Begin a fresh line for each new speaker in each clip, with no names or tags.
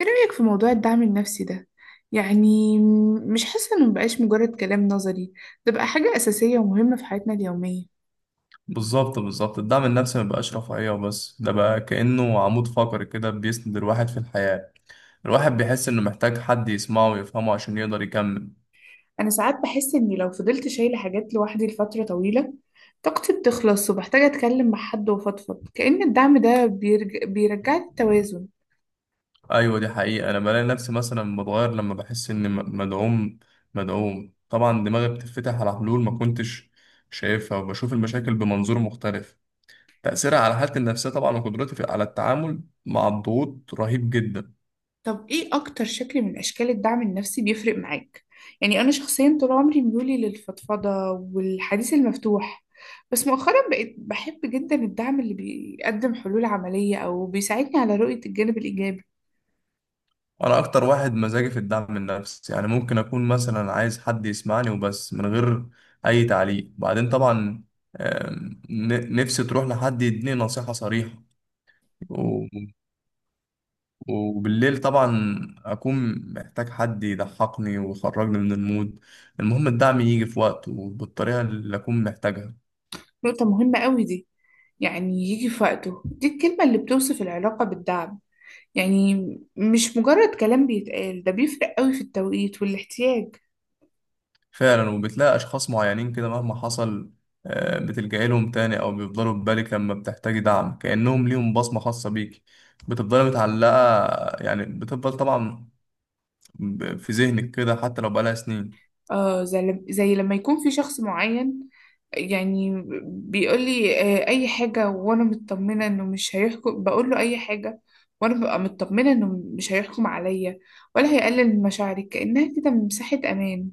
ايه رأيك في موضوع الدعم النفسي ده؟ يعني مش حاسة انه مبقاش مجرد كلام نظري، ده بقى حاجة أساسية ومهمة في حياتنا اليومية.
بالظبط بالظبط، الدعم النفسي مبقاش رفاهية وبس، ده بقى كأنه عمود فقري كده بيسند الواحد في الحياة. الواحد بيحس إنه محتاج حد يسمعه ويفهمه عشان يقدر يكمل.
أنا ساعات بحس إني لو فضلت شايلة حاجات لوحدي لفترة طويلة طاقتي بتخلص وبحتاج أتكلم مع حد وأفضفض، كأن الدعم ده بيرجع التوازن.
أيوة دي حقيقة، أنا بلاقي نفسي مثلا بتغير لما بحس إني مدعوم طبعا دماغي بتتفتح على حلول ما كنتش شايفها، وبشوف المشاكل بمنظور مختلف. تأثيرها على حالتي النفسية طبعا، وقدرتي على التعامل مع الضغوط رهيب جدا.
طب ايه اكتر شكل من اشكال الدعم النفسي بيفرق معاك؟ يعني انا شخصيا طول عمري ميولي للفضفضة والحديث المفتوح، بس مؤخرا بقيت بحب جدا الدعم اللي بيقدم حلول عملية او بيساعدني على رؤية الجانب الايجابي.
انا اكتر واحد مزاجي في الدعم النفسي، يعني ممكن اكون مثلا عايز حد يسمعني وبس من غير اي تعليق. بعدين طبعا، نفسي تروح لحد يديني نصيحة صريحة، و- وبالليل طبعا اكون محتاج حد يضحكني ويخرجني من المود. المهم الدعم يجي في وقته وبالطريقة اللي اكون محتاجها.
نقطة مهمة قوي دي، يعني يجي في وقته، دي الكلمة اللي بتوصف العلاقة بالدعم. يعني مش مجرد كلام بيتقال، ده بيفرق قوي في التوقيت والاحتياج.
فعلا، وبتلاقي أشخاص معينين كده مهما حصل، بتلجأي لهم تاني أو بيفضلوا في بالك لما بتحتاجي دعم، كأنهم ليهم بصمة خاصة بيك. بتفضلي متعلقة، يعني بتفضل طبعا في ذهنك كده حتى لو بقالها سنين.
اه، زي لما يكون في شخص معين يعني بيقول لي آه، اي حاجة وانا مطمنة انه مش هيحكم، بقول له اي حاجة وانا ببقى مطمنة انه مش هيحكم عليا ولا هيقلل من مشاعري، كأنها كده مساحة امان.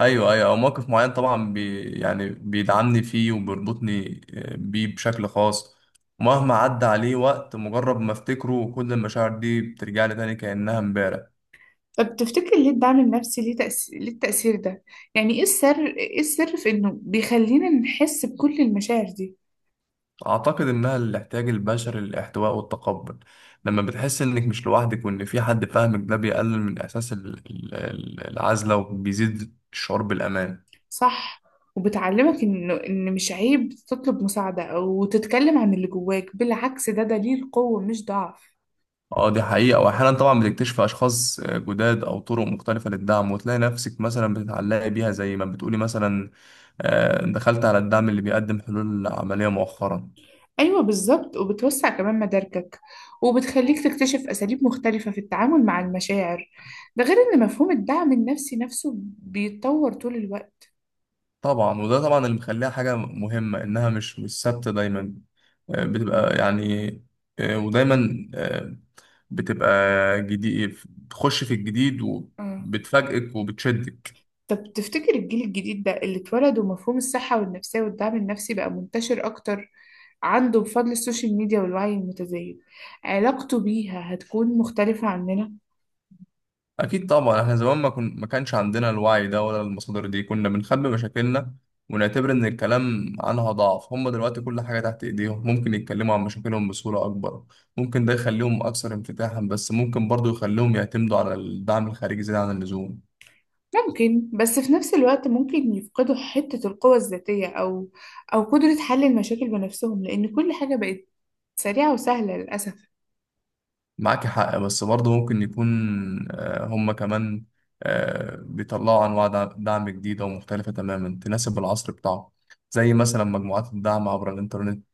أيوه أيوه، أو موقف معين طبعا بي يعني بيدعمني فيه وبيربطني بيه بشكل خاص. مهما عدى عليه وقت، مجرد ما أفتكره كل المشاعر دي بترجع لي تاني كأنها امبارح.
طب تفتكر ليه الدعم النفسي ليه تأثير، ليه التأثير ده؟ يعني ايه السر، ايه السر في انه بيخلينا نحس بكل المشاعر دي؟
أعتقد إنها الاحتياج البشري للاحتواء والتقبل. لما بتحس إنك مش لوحدك وإن في حد فاهمك، ده بيقلل من إحساس العزلة، وبيزيد الشعور بالأمان.
صح، وبتعلمك إنه إن مش عيب تطلب مساعدة أو تتكلم عن اللي جواك، بالعكس ده دليل قوة مش ضعف.
اه دي حقيقة، وأحيانا طبعا بتكتشف أشخاص جداد أو طرق مختلفة للدعم، وتلاقي نفسك مثلا بتتعلقي بيها زي ما بتقولي مثلا. دخلت على الدعم اللي بيقدم حلول عملية مؤخرا.
أيوة بالظبط، وبتوسع كمان مداركك وبتخليك تكتشف أساليب مختلفة في التعامل مع المشاعر. ده غير إن مفهوم الدعم النفسي نفسه بيتطور طول الوقت.
طبعا، وده طبعا اللي مخليها حاجة مهمة، إنها مش ثابتة دايما. آه، بتبقى يعني آه، ودايما آه، بتبقى جديد، تخش في الجديد،
آه.
وبتفاجئك وبتشدك.
طب تفتكر الجيل الجديد ده اللي اتولد ومفهوم الصحة والنفسية والدعم النفسي بقى منتشر أكتر عنده بفضل السوشيال ميديا والوعي المتزايد، علاقته بيها هتكون مختلفة عننا؟
اكيد طبعا، احنا زمان ما كانش عندنا الوعي ده ولا المصادر دي، كنا بنخبي مشاكلنا ونعتبر ان الكلام عنها ضعف. هم دلوقتي كل حاجة تحت ايديهم، ممكن يتكلموا عن مشاكلهم بصورة اكبر. ممكن ده يخليهم اكثر انفتاحا، بس ممكن برضو يخليهم يعتمدوا على الدعم الخارجي زيادة عن اللزوم.
ممكن، بس في نفس الوقت ممكن يفقدوا حتة القوة الذاتية أو أو قدرة حل المشاكل بنفسهم، لأن كل حاجة بقت سريعة وسهلة للأسف.
معاك حق، بس برضه ممكن يكون هم كمان بيطلعوا أنواع دعم جديدة ومختلفة تماما تناسب العصر بتاعه، زي مثلا مجموعات الدعم عبر الإنترنت.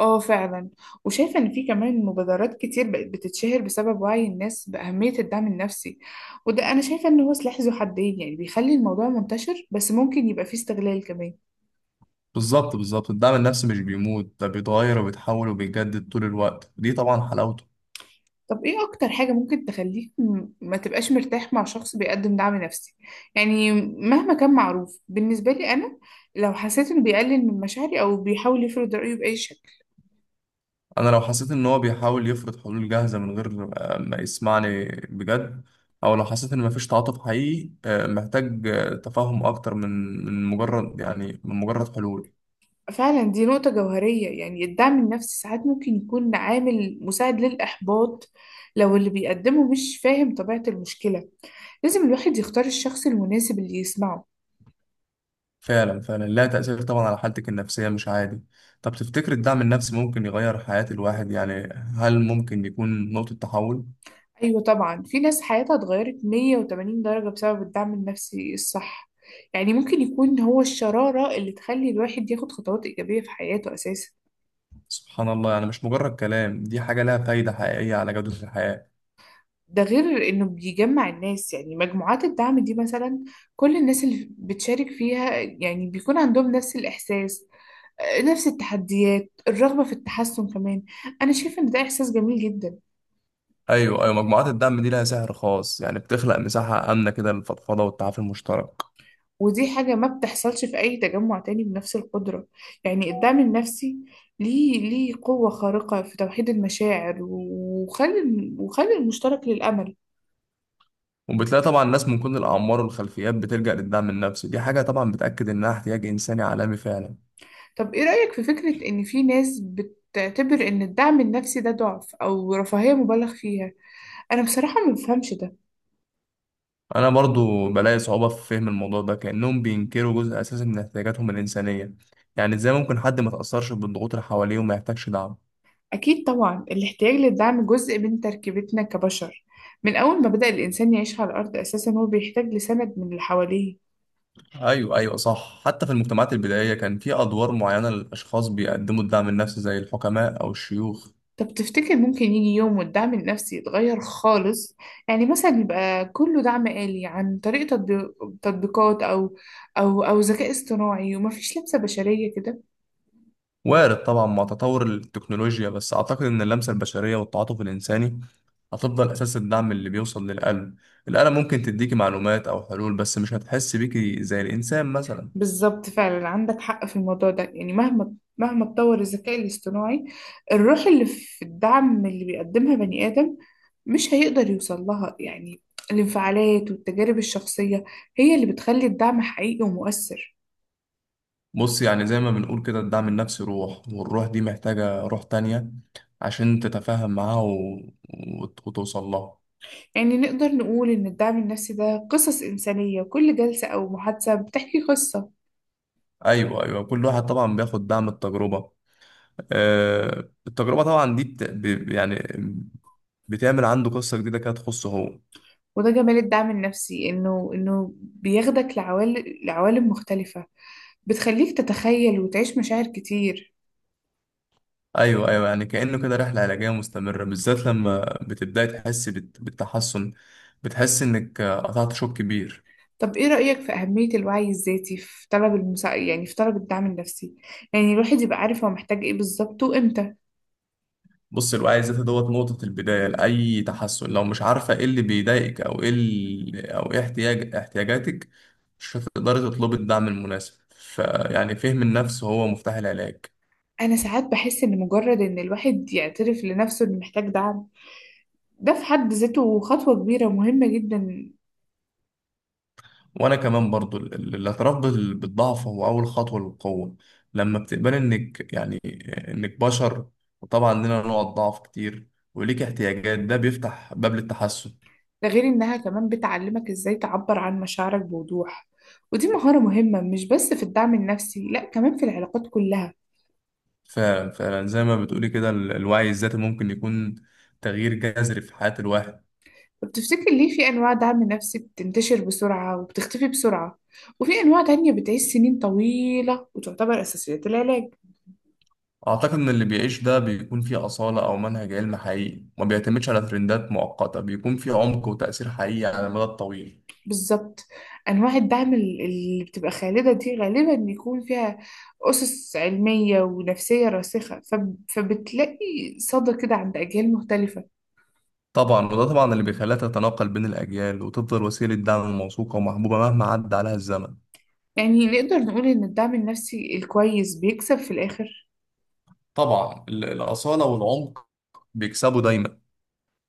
اه فعلا، وشايفة إن في كمان مبادرات كتير بقت بتتشهر بسبب وعي الناس بأهمية الدعم النفسي. وده أنا شايفة إن هو سلاح ذو حدين، يعني بيخلي الموضوع منتشر بس ممكن يبقى فيه استغلال كمان.
بالظبط بالظبط، الدعم النفسي مش بيموت، ده بيتغير وبيتحول وبيجدد طول الوقت، ودي طبعا حلاوته.
طب ايه اكتر حاجة ممكن تخليك ما تبقاش مرتاح مع شخص بيقدم دعم نفسي؟ يعني مهما كان معروف بالنسبة لي انا، لو حسيت انه بيقلل من مشاعري او بيحاول يفرض رأيه بأي شكل.
أنا لو حسيت إن هو بيحاول يفرض حلول جاهزة من غير ما يسمعني بجد، أو لو حسيت إن مفيش تعاطف حقيقي، محتاج تفاهم أكتر من مجرد حلول.
فعلا دي نقطة جوهرية، يعني الدعم النفسي ساعات ممكن يكون عامل مساعد للإحباط لو اللي بيقدمه مش فاهم طبيعة المشكلة. لازم الواحد يختار الشخص المناسب اللي يسمعه.
فعلا فعلا، لها تأثير طبعا على حالتك النفسية مش عادي. طب تفتكر الدعم النفسي ممكن يغير حياة الواحد؟ يعني هل ممكن يكون نقطة تحول؟
أيوة طبعا، في ناس حياتها اتغيرت 180 درجة بسبب الدعم النفسي الصح. يعني ممكن يكون هو الشرارة اللي تخلي الواحد ياخد خطوات إيجابية في حياته أساسا.
سبحان الله، يعني مش مجرد كلام، دي حاجة لها فايدة حقيقية على جودة الحياة.
ده غير إنه بيجمع الناس، يعني مجموعات الدعم دي مثلا كل الناس اللي بتشارك فيها يعني بيكون عندهم نفس الإحساس، آه، نفس التحديات، الرغبة في التحسن كمان. أنا شايفة إن ده إحساس جميل جدا.
أيوة أيوة، مجموعات الدعم دي لها سحر خاص، يعني بتخلق مساحة آمنة كده للفضفضة والتعافي المشترك.
ودي حاجة ما بتحصلش في أي تجمع تاني بنفس القدرة. يعني الدعم النفسي ليه ليه قوة خارقة في توحيد المشاعر وخلي وخلي المشترك للأمل.
وبتلاقي طبعا ناس من كل الأعمار والخلفيات بتلجأ للدعم النفسي، دي حاجة طبعا بتأكد إنها احتياج إنساني عالمي فعلا.
طب إيه رأيك في فكرة إن في ناس بتعتبر إن الدعم النفسي ده ضعف أو رفاهية مبالغ فيها؟ أنا بصراحة ما بفهمش ده.
انا برضو بلاقي صعوبة في فهم الموضوع ده، كأنهم بينكروا جزء اساسي من احتياجاتهم الإنسانية. يعني ازاي ممكن حد ما تأثرش بالضغوط اللي حواليه وما يحتاجش دعم؟
أكيد طبعا، الاحتياج للدعم جزء من تركيبتنا كبشر، من أول ما بدأ الإنسان يعيش على الأرض أساسا هو بيحتاج لسند من اللي حواليه.
ايوه ايوه صح، حتى في المجتمعات البدائية كان في ادوار معينة للاشخاص بيقدموا الدعم النفسي زي الحكماء او الشيوخ.
طب تفتكر ممكن يجي يوم والدعم النفسي يتغير خالص؟ يعني مثلا يبقى كله دعم آلي عن طريق تطبيقات أو أو أو ذكاء اصطناعي ومفيش لمسة بشرية كده؟
وارد طبعا مع تطور التكنولوجيا، بس اعتقد ان اللمسة البشرية والتعاطف الإنساني هتفضل اساس الدعم اللي بيوصل للقلب. الآلة ممكن تديكي معلومات او حلول، بس مش هتحس بيكي زي الانسان مثلا.
بالظبط، فعلا عندك حق في الموضوع ده. يعني مهما اتطور الذكاء الاصطناعي، الروح اللي في الدعم اللي بيقدمها بني آدم مش هيقدر يوصل لها. يعني الانفعالات والتجارب الشخصية هي اللي بتخلي الدعم حقيقي ومؤثر.
بص، يعني زي ما بنقول كده، الدعم النفسي روح، والروح دي محتاجة روح تانية عشان تتفاهم معاها وتوصل لها.
يعني نقدر نقول إن الدعم النفسي ده قصص إنسانية، كل جلسة أو محادثة بتحكي قصة.
أيوة أيوة، كل واحد طبعا بياخد دعم. التجربة، آه التجربة طبعا دي بت... ب... يعني بتعمل عنده قصة جديدة كده تخصه هو.
وده جمال الدعم النفسي، إنه بياخدك لعوالم مختلفة، بتخليك تتخيل وتعيش مشاعر كتير.
أيوة أيوة، يعني كأنه كده رحلة علاجية مستمرة، بالذات لما بتبدأي تحس بالتحسن، بتحس إنك قطعت شوط كبير.
طب إيه رأيك في أهمية الوعي الذاتي في طلب يعني في طلب الدعم النفسي؟ يعني الواحد يبقى عارف هو محتاج إيه بالظبط وإمتى.
بص الوعي الذاتي دوت نقطة البداية لأي تحسن. لو مش عارفة ايه اللي بيضايقك، أو ايه احتياجاتك، مش هتقدري تطلبي الدعم المناسب. فيعني فهم النفس هو مفتاح العلاج.
أنا ساعات بحس إن مجرد إن الواحد يعترف لنفسه إنه محتاج دعم، ده في حد ذاته خطوة كبيرة ومهمة جدا.
وأنا كمان برضو، الاعتراف بالضعف هو أول خطوة للقوة. لما بتقبلي إنك يعني إنك بشر، وطبعا لنا نوع ضعف كتير، وليك احتياجات، ده بيفتح باب للتحسن.
ده غير إنها كمان بتعلمك إزاي تعبر عن مشاعرك بوضوح، ودي مهارة مهمة مش بس في الدعم النفسي، لأ كمان في العلاقات كلها.
فزي ما بتقولي كده، الوعي الذاتي ممكن يكون تغيير جذري في حياة الواحد.
طب تفتكر ليه في أنواع دعم نفسي بتنتشر بسرعة وبتختفي بسرعة، وفي أنواع تانية بتعيش سنين طويلة وتعتبر أساسيات العلاج؟
أعتقد إن اللي بيعيش ده بيكون فيه أصالة أو منهج علمي حقيقي، ما بيعتمدش على ترندات مؤقتة، بيكون فيه عمق وتأثير حقيقي على المدى الطويل.
بالظبط، أنواع الدعم اللي بتبقى خالدة دي غالبا يكون فيها أسس علمية ونفسية راسخة، فبتلاقي صدى كده عند أجيال مختلفة.
طبعا، وده طبعا اللي بيخليها تتناقل بين الأجيال وتفضل وسيلة دعم موثوقة ومحبوبة مهما عدى عليها الزمن.
يعني نقدر نقول إن الدعم النفسي الكويس بيكسب في الآخر.
طبعا، الأصالة والعمق بيكسبوا دايما.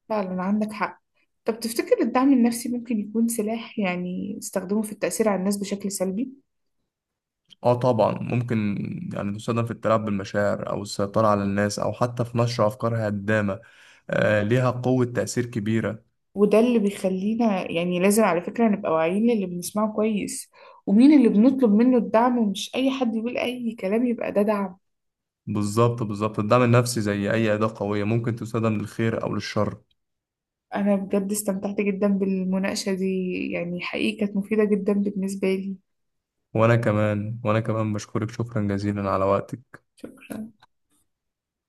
فعلا عندك حق. طب تفتكر الدعم النفسي ممكن يكون سلاح يعني استخدمه في التأثير على الناس بشكل سلبي؟
اه طبعا ممكن، يعني تستخدم في التلاعب بالمشاعر او السيطرة على الناس او حتى في نشر افكار هدامة. آه ليها قوة تأثير كبيرة.
وده اللي بيخلينا يعني لازم على فكرة نبقى واعيين للي بنسمعه كويس، ومين اللي بنطلب منه الدعم، ومش أي حد يقول أي كلام يبقى ده دعم.
بالظبط بالظبط، الدعم النفسي زي أي أداة قوية ممكن تستخدم للخير أو للشر.
أنا بجد استمتعت جدا بالمناقشة دي، يعني حقيقة كانت مفيدة جدا بالنسبة لي.
وأنا كمان بشكرك شكرا جزيلا على وقتك.
شكرا.